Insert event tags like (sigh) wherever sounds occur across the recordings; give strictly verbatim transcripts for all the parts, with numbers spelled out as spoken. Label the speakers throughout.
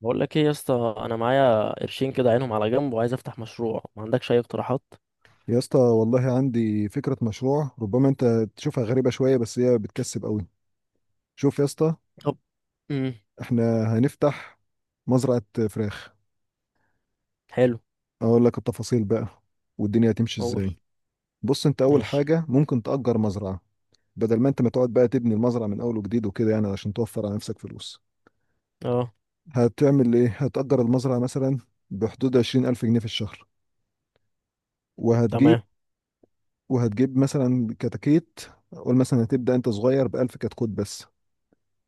Speaker 1: بقول لك ايه يا اسطى، انا معايا قرشين كده عينهم على جنب وعايز افتح مشروع. ما عندكش اي اقتراحات؟
Speaker 2: يا اسطى والله عندي فكرة مشروع ربما انت تشوفها غريبة شوية، بس هي بتكسب قوي. شوف يا اسطى،
Speaker 1: طب. امم
Speaker 2: احنا هنفتح مزرعة فراخ.
Speaker 1: حلو.
Speaker 2: اقول لك التفاصيل بقى والدنيا هتمشي ازاي.
Speaker 1: قول.
Speaker 2: بص، انت اول
Speaker 1: ماشي.
Speaker 2: حاجة ممكن تأجر مزرعة بدل ما انت ما تقعد بقى تبني المزرعة من اول وجديد وكده يعني عشان توفر على نفسك فلوس.
Speaker 1: اه.
Speaker 2: هتعمل ايه؟ هتأجر المزرعة مثلا بحدود عشرين ألف جنيه في الشهر، وهتجيب
Speaker 1: تمام.
Speaker 2: وهتجيب مثلا كتاكيت. قول مثلا هتبدأ انت صغير بألف كتكوت بس.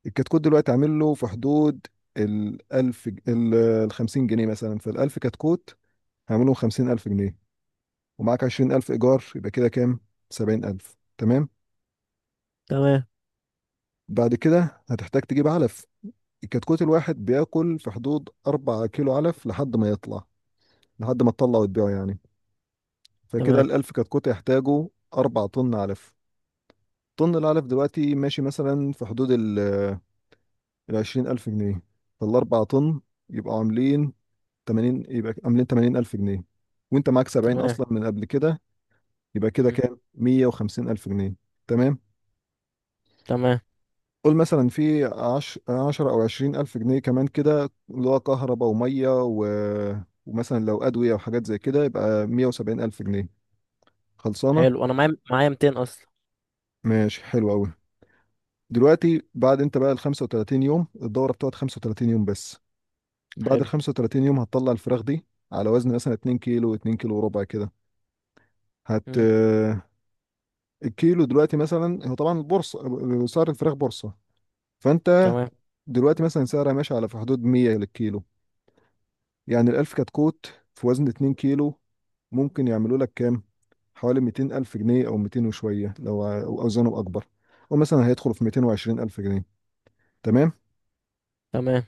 Speaker 2: الكتكوت دلوقتي عامل له في حدود ال 1000 ج- ال ال خمسين جنيه مثلا، فال ألف كتكوت هعملهم خمسين ألف جنيه. ومعاك عشرين ألف إيجار، يبقى كده كام؟ سبعين ألف. تمام؟
Speaker 1: تمام.
Speaker 2: بعد كده هتحتاج تجيب علف. الكتكوت الواحد بياكل في حدود 4 كيلو علف لحد ما يطلع لحد ما تطلع وتبيعه يعني. فكده
Speaker 1: تمام.
Speaker 2: ال ألف كتكوت يحتاجوا 4 طن علف. طن العلف دلوقتي ماشي مثلا في حدود ال عشرين ألف جنيه، فالأربع طن يبقوا عاملين تمانين، يبقى عاملين تمانين ألف جنيه. وانت معاك سبعين
Speaker 1: تمام.
Speaker 2: اصلا من قبل كده، يبقى كده
Speaker 1: امم
Speaker 2: كام؟ مية وخمسين ألف جنيه. تمام.
Speaker 1: تمام.
Speaker 2: قول مثلا في عشرة او عشرين ألف جنيه كمان كده، اللي هو كهرباء وميه و... ومثلا لو ادويه وحاجات زي كده، يبقى مية وسبعين ألف جنيه خلصانه.
Speaker 1: حلو، انا معايا معايا مئتين اصلا.
Speaker 2: ماشي، حلو قوي. دلوقتي بعد انت بقى ال خمسة وتلاتين يوم، الدوره بتقعد خمسة وتلاتين يوم بس. بعد ال
Speaker 1: حلو.
Speaker 2: خمسة وتلاتين يوم هتطلع الفراخ دي على وزن مثلا اتنين كيلو كيلو، اتنين كيلو كيلو وربع كده. هت
Speaker 1: امم
Speaker 2: الكيلو دلوقتي مثلا، هو طبعا البورصه، سعر الفراخ بورصه. فانت
Speaker 1: تمام.
Speaker 2: دلوقتي مثلا سعرها ماشي على في حدود مية للكيلو. يعني الألف كتكوت في وزن اتنين كيلو كيلو ممكن يعملوا لك كام؟ حوالي ميتين ألف جنيه، أو ميتين وشوية لو ع- أو أوزانه أكبر، أو مثلا هيدخل في ميتين وعشرين ألف جنيه. تمام.
Speaker 1: تمام.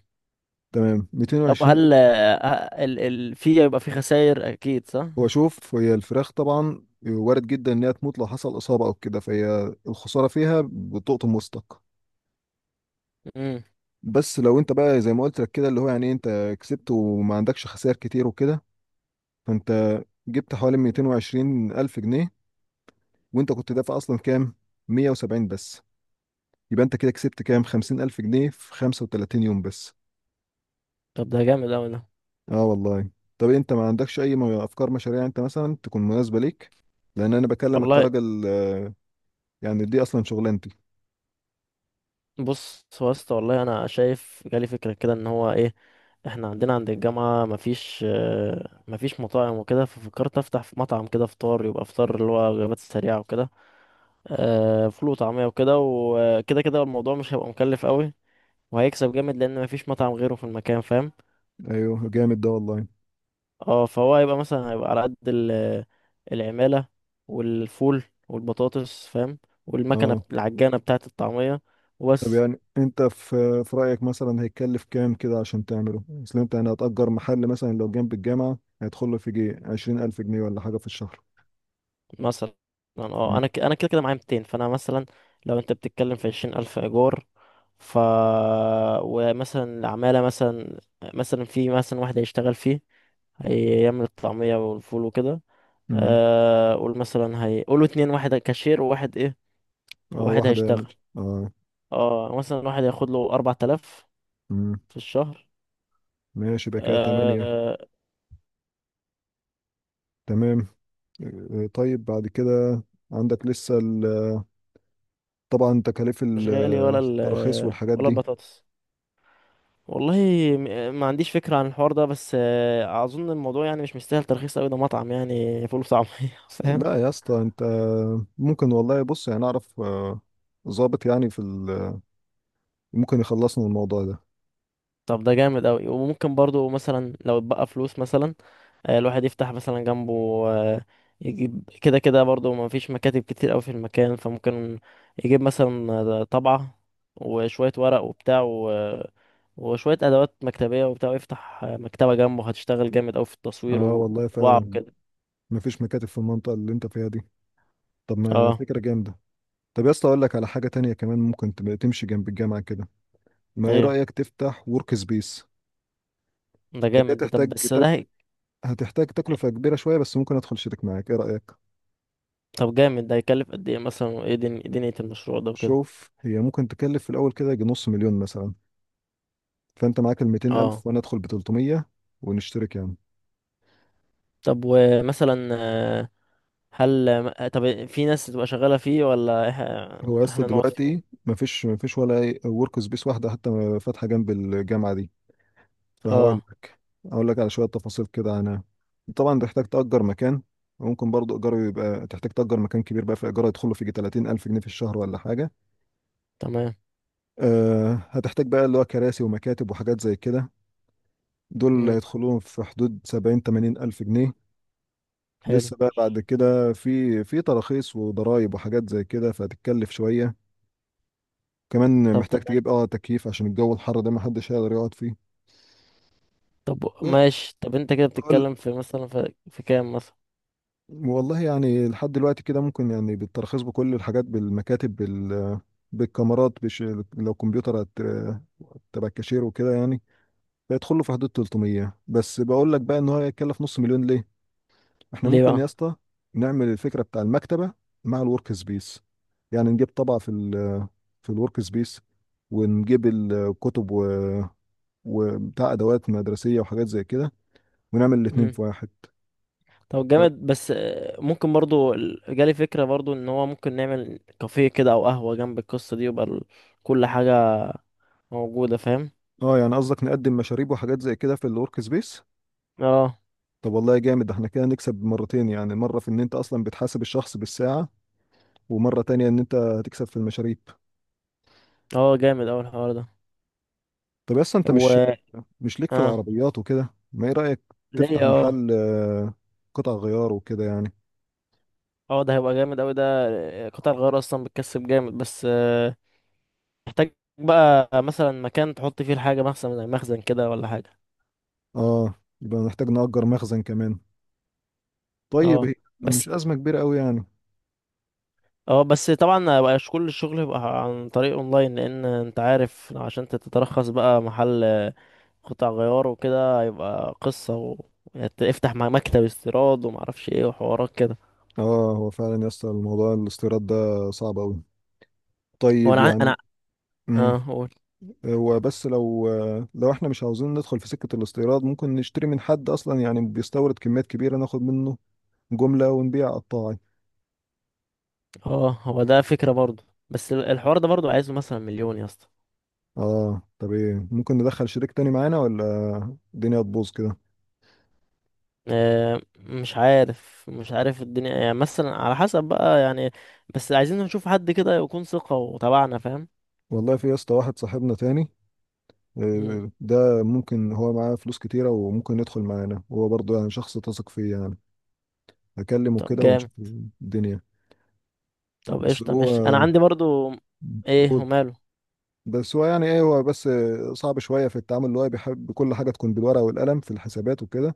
Speaker 2: تمام
Speaker 1: طب،
Speaker 2: ميتين وعشرين ألف.
Speaker 1: هل آه، ال ال في، يبقى في خسائر اكيد، صح؟
Speaker 2: هو شوف، هي الفراخ طبعا وارد جدا إنها تموت لو حصل إصابة أو كده، فهي الخسارة فيها بتقطم وسطك.
Speaker 1: امم
Speaker 2: بس لو انت بقى زي ما قلت لك كده اللي هو يعني إيه، انت كسبت وما عندكش خسائر كتير وكده، فانت جبت حوالي ميتين وعشرين الف جنيه. وانت كنت دافع اصلا كام؟ مية وسبعين بس. يبقى انت كده كسبت كام؟ خمسين الف جنيه في خمسة وتلاتين يوم بس.
Speaker 1: طب ده جامد اوي ده.
Speaker 2: اه والله. طب انت ما عندكش اي م- افكار مشاريع انت مثلا تكون مناسبة ليك؟ لان انا بكلمك
Speaker 1: والله.
Speaker 2: كراجل آه، يعني دي اصلا شغلانتي.
Speaker 1: بص، هو يا اسطى والله انا شايف جالي فكره كده ان هو ايه، احنا عندنا عند الجامعة مفيش، آه، مفيش مطاعم وكده، ففكرت افتح في مطعم كده فطار، يبقى فطار اللي هو وجبات سريعة وكده. آه، فول وطعمية وكده وكده كده، الموضوع مش هيبقى مكلف قوي، وهيكسب جامد لان مفيش مطعم غيره في المكان، فاهم؟
Speaker 2: ايوه، جامد ده والله.
Speaker 1: اه، فهو هيبقى مثلا، هيبقى على قد ال- العمالة والفول والبطاطس، فاهم؟ والمكنة
Speaker 2: اه،
Speaker 1: العجانة بتاعة الطعمية،
Speaker 2: طب
Speaker 1: وبس.
Speaker 2: يعني انت في في رأيك مثلا هيتكلف كام كده عشان تعمله؟ اصل انت يعني هتأجر محل مثلا لو جنب الجامعة هيدخل له في جي عشرين ألف جنيه ولا حاجة في الشهر.
Speaker 1: مثلا اه،
Speaker 2: مم.
Speaker 1: انا ك... انا كده كده معايا مئتين، فانا مثلا لو انت بتتكلم في عشرين ألف ايجار، ف، ومثلا العمالة مثلا، مثلا في مثلا واحد هيشتغل فيه، هيعمل الطعمية والفول وكده.
Speaker 2: مم.
Speaker 1: آه، قول مثلا هي، قولوا اتنين، واحد كاشير وواحد ايه،
Speaker 2: اه،
Speaker 1: واحد
Speaker 2: واحدة يعني.
Speaker 1: هيشتغل.
Speaker 2: اه.
Speaker 1: اه، مثلا واحد هياخد له أربع تلاف
Speaker 2: مم.
Speaker 1: في الشهر.
Speaker 2: ماشي، يبقى كده تمانية.
Speaker 1: آه،
Speaker 2: تمام. اه، طيب بعد كده عندك لسه ال- طبعا تكاليف
Speaker 1: مش
Speaker 2: ال-
Speaker 1: غالي ولا ال...
Speaker 2: التراخيص والحاجات
Speaker 1: ولا
Speaker 2: دي.
Speaker 1: البطاطس. والله، م- ما عنديش فكرة عن الحوار ده، بس آه، أظن الموضوع يعني مش مستاهل ترخيص أوي، ده مطعم يعني فول وطعمية. (laughs) فاهم؟
Speaker 2: لا يا اسطى، انت ممكن والله. بص يعني اعرف اه، ظابط يعني في ال- ممكن يخلصنا من الموضوع ده.
Speaker 1: طب ده جامد أوي. وممكن برضو مثلا لو اتبقى فلوس مثلا، آه، الواحد يفتح مثلا جنبه، آه، يجيب كده كده برضو، ما فيش مكاتب كتير أوي في المكان، فممكن يجيب مثلا آه، طبعة وشوية ورق وبتاع و- وشوية أدوات مكتبية وبتاع، ويفتح آه، مكتبة جنبه، هتشتغل جامد أوي في التصوير
Speaker 2: اه والله
Speaker 1: وطباعة
Speaker 2: فعلا،
Speaker 1: وكده.
Speaker 2: مفيش مكاتب في المنطقة اللي انت فيها دي. طب ما
Speaker 1: اه.
Speaker 2: فكرة جامدة. طب يا اسطى اقول لك على حاجة تانية كمان ممكن تبقى تمشي جنب الجامعة كده. ما ايه
Speaker 1: ايه،
Speaker 2: رأيك تفتح ورك سبيس؟
Speaker 1: ده
Speaker 2: هي
Speaker 1: جامد ده. طب
Speaker 2: تحتاج
Speaker 1: بس ده.
Speaker 2: هتحتاج تكلفة كبيرة شوية، بس ممكن ادخل شريك معاك. ايه رأيك؟
Speaker 1: طب جامد ده، هيكلف قد ايه مثلا؟ وايه دن- دنيا المشروع ده وكده؟
Speaker 2: شوف، هي ممكن تكلف في الاول كده يجي نص مليون مثلا. فانت معاك ال ميتين
Speaker 1: اه.
Speaker 2: الف وانا ادخل ب تلتمية، ونشترك يعني.
Speaker 1: طب ومثلا آه، هل آه، طب في ناس تبقى شغالة فيه، ولا
Speaker 2: هو يا
Speaker 1: إح-
Speaker 2: اسطى
Speaker 1: احنا نقعد
Speaker 2: دلوقتي
Speaker 1: فيه؟
Speaker 2: مفيش مفيش ولا ورك سبيس واحدة حتى فاتحة جنب الجامعة دي. فهقول
Speaker 1: اه.
Speaker 2: لك هقول لك على شوية تفاصيل كده عنها. طبعا تحتاج تأجر مكان. وممكن برضو إيجاره يبقى، تحتاج تأجر مكان كبير بقى، في إيجاره يدخله في يجي تلاتين ألف جنيه في الشهر ولا حاجة.
Speaker 1: تمام.
Speaker 2: أه هتحتاج بقى اللي هو كراسي ومكاتب وحاجات زي كده. دول اللي
Speaker 1: امم
Speaker 2: هيدخلوهم في حدود سبعين، تمانين ألف جنيه.
Speaker 1: حلو.
Speaker 2: لسه بقى بعد كده في في تراخيص وضرايب وحاجات زي كده، فهتتكلف شوية. كمان
Speaker 1: طب
Speaker 2: محتاج
Speaker 1: تمام.
Speaker 2: تجيب اه تكييف عشان الجو الحر ده محدش هيقدر يقعد فيه.
Speaker 1: طب ماشي. طب انت كده
Speaker 2: وأقول
Speaker 1: بتتكلم في مثلا في, في كام مثلا؟
Speaker 2: والله يعني لحد دلوقتي كده، ممكن يعني بالترخيص، بكل الحاجات، بالمكاتب، بال بالكاميرات، بش... لو كمبيوتر هت... تبع الكاشير وكده يعني، بيدخل له في حدود تلتمية بس. بقول لك بقى ان هو هيتكلف نص مليون ليه؟ احنا
Speaker 1: ليه
Speaker 2: ممكن
Speaker 1: بقى؟
Speaker 2: يا اسطى نعمل الفكره بتاع المكتبه مع الورك سبيس. يعني نجيب طبعه في ال... في الورك سبيس، ونجيب الكتب و... وبتاع ادوات مدرسيه وحاجات زي كده، ونعمل الاتنين
Speaker 1: امم
Speaker 2: في واحد.
Speaker 1: طب جامد، بس آه، ممكن برضو ال- جالي فكرة برضو ان هو ممكن نعمل كافيه كده او قهوة جنب القصة دي، ويبقى ال- كل حاجة موجودة، فاهم؟
Speaker 2: اه، يعني قصدك نقدم مشاريب وحاجات زي كده في الورك سبيس؟
Speaker 1: اه.
Speaker 2: طب والله جامد ده. احنا كده نكسب مرتين، يعني مرة في ان انت اصلا بتحاسب الشخص بالساعة، ومرة تانية ان انت هتكسب في المشاريب.
Speaker 1: اه جامد اوي الحوار
Speaker 2: طب اصلا انت مش
Speaker 1: ده.
Speaker 2: مش ليك في
Speaker 1: اه.
Speaker 2: العربيات وكده؟ ما ايه رأيك
Speaker 1: ليه
Speaker 2: تفتح
Speaker 1: اه.
Speaker 2: محل آه، قطع غيار وكده يعني؟
Speaker 1: اه، ده هيبقى جامد اوي ده. قطع الغيار اصلا بتكسب جامد، بس آه، محتاج بقى مثلا مكان تحط فيه الحاجة، مخزن زي مخزن كده ولا حاجة.
Speaker 2: اه، يبقى نحتاج نأجر مخزن كمان. طيب
Speaker 1: اه.
Speaker 2: هي مش
Speaker 1: بس
Speaker 2: أزمة كبيرة قوي يعني.
Speaker 1: اه، بس طبعا مبقاش كل الشغل يبقى عن طريق اونلاين، لان انت عارف عشان تترخص بقى محل قطع غيار وكده، هيبقى قصة و... افتح مع مكتب استيراد ومعرفش ايه وحوارات كده.
Speaker 2: اه، هو فعلا يا اسطى الموضوع الاستيراد ده صعب قوي.
Speaker 1: هو
Speaker 2: طيب
Speaker 1: انا عن-
Speaker 2: يعني،
Speaker 1: انا.
Speaker 2: امم
Speaker 1: اه قول.
Speaker 2: هو بس لو آه، لو احنا مش عاوزين ندخل في سكة الاستيراد، ممكن نشتري من حد اصلا يعني بيستورد كميات كبيرة، ناخد منه جملة ونبيع قطاعي.
Speaker 1: اه، هو ده فكرة برضه، بس ال- الحوار ده برضه عايزه مثلا مليون يا اسطى.
Speaker 2: اه. طب ايه، ممكن ندخل شريك تاني معانا ولا الدنيا تبوظ كده؟
Speaker 1: آه، مش عارف، مش عارف الدنيا إيه. يعني مثلا على حسب بقى يعني. بس عايزين نشوف حد كده يكون ثقة وتبعنا، فاهم؟
Speaker 2: والله في يا اسطى واحد صاحبنا تاني
Speaker 1: مم.
Speaker 2: آه، ده ممكن هو معاه فلوس كتيرة وممكن يدخل معانا هو برضه، يعني شخص تثق فيه يعني. هكلمه
Speaker 1: طب
Speaker 2: كده
Speaker 1: جامد.
Speaker 2: ونشوف الدنيا.
Speaker 1: طب
Speaker 2: بس
Speaker 1: قشطة،
Speaker 2: هو.
Speaker 1: ماشي، أنا عندي برضو. إيه
Speaker 2: قول.
Speaker 1: وماله؟
Speaker 2: بس هو يعني ايه، هو بس صعب شوية في التعامل اللي هو بيحب كل حاجة تكون بالورقة والقلم في الحسابات وكده.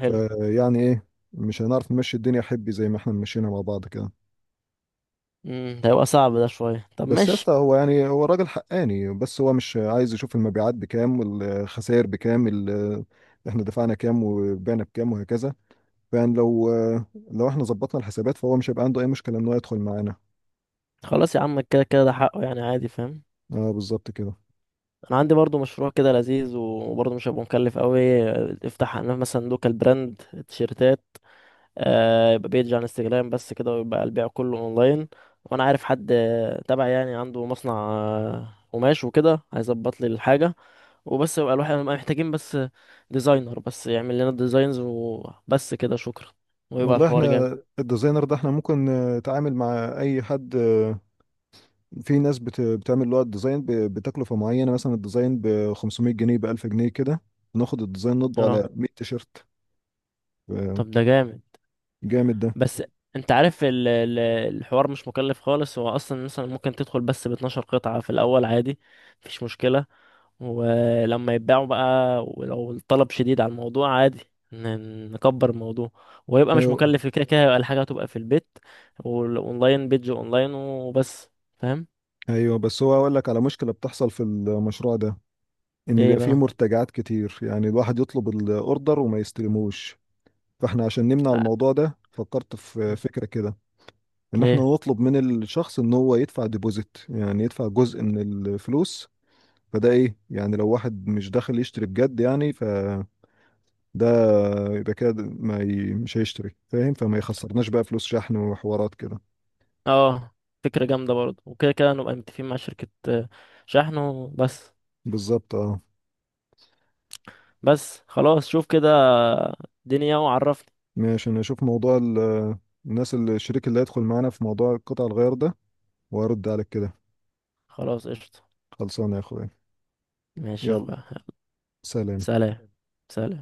Speaker 1: حلو.
Speaker 2: فيعني ايه، مش هنعرف نمشي الدنيا حبي زي ما احنا مشينا مع بعض كده.
Speaker 1: مم. ده هيبقى صعب ده شوية، طب
Speaker 2: بس يا اسطى،
Speaker 1: ماشي.
Speaker 2: هو يعني هو راجل حقاني، بس هو مش عايز يشوف المبيعات بكام والخسائر بكام. ال- احنا دفعنا كام وبعنا بكام وهكذا. فيعني لو لو احنا ظبطنا الحسابات، فهو مش هيبقى عنده اي مشكلة ان هو يدخل معانا.
Speaker 1: خلاص يا عم، كده كده ده حقه يعني، عادي، فاهم؟
Speaker 2: اه، بالظبط كده.
Speaker 1: أنا عندي برضو مشروع كده لذيذ، وبرضو مش هيبقى مكلف قوي. افتح أنا مثلا لوكال براند، تيشيرتات. آه، يبقى بيج عن انستجرام بس كده، ويبقى البيع كله اونلاين. وانا عارف حد آه، تبع يعني عنده مصنع آه، قماش وكده، هيظبط لي الحاجه. وبس، يبقى الواحد نبقى محتاجين بس ديزاينر بس يعمل لنا الديزاينز، وبس كده، شكرا. ويبقى
Speaker 2: والله،
Speaker 1: الحوار جامد.
Speaker 2: احنا الديزاينر ده احنا ممكن آه، نتعامل مع اي حد. آه، في ناس بت- بتعمل اللي هو الديزاين ب- بتكلفة معينة، مثلا الديزاين ب خمسمية جنيه، ب ألف جنيه كده، ناخد الديزاين نطبع
Speaker 1: اه.
Speaker 2: على مية تيشرت. آه،
Speaker 1: طب ده جامد.
Speaker 2: جامد ده.
Speaker 1: بس انت عارف ال- ال- الحوار مش مكلف خالص، هو اصلا مثلا ممكن تدخل بس ب اتناشر قطعه في الاول، عادي، مفيش مشكله. ولما يتباعوا بقى، ولو الطلب شديد على الموضوع، عادي، ن- نكبر الموضوع. ويبقى مش
Speaker 2: أيوه.
Speaker 1: مكلف، كده كده يبقى الحاجة هتبقى في البيت، والاونلاين بيج اونلاين وبس، فاهم؟
Speaker 2: ايوه، بس هو اقول لك على مشكله بتحصل في المشروع ده. ان
Speaker 1: ايه
Speaker 2: بيبقى فيه
Speaker 1: بقى؟
Speaker 2: مرتجعات كتير، يعني الواحد يطلب الاوردر وما يستلموش. فاحنا عشان نمنع
Speaker 1: آه.
Speaker 2: الموضوع ده فكرت في
Speaker 1: م.
Speaker 2: فكره كده ان احنا
Speaker 1: ايه
Speaker 2: نطلب من الشخص ان هو يدفع ديبوزيت، يعني يدفع جزء من الفلوس. فده ايه، يعني لو واحد مش داخل يشتري بجد يعني، فده يبقى كده ما ي... مش هيشتري فاهم، فما يخسرناش بقى فلوس شحن وحوارات كده.
Speaker 1: اه، فكرة جامدة برضه. وكده كده نبقى متفقين مع شركة آه، شحن وبس.
Speaker 2: بالظبط، اه.
Speaker 1: بس خلاص، شوف كده دنيا وعرفني.
Speaker 2: ماشي، انا اشوف موضوع ال- الناس اللي الشريك اللي هيدخل معانا في موضوع قطع الغيار ده، وارد عليك كده.
Speaker 1: خلاص قشطة،
Speaker 2: خلصانه يا اخويا.
Speaker 1: ماشي يا
Speaker 2: يلا،
Speaker 1: اخويا.
Speaker 2: سلام.
Speaker 1: سلام. سلام.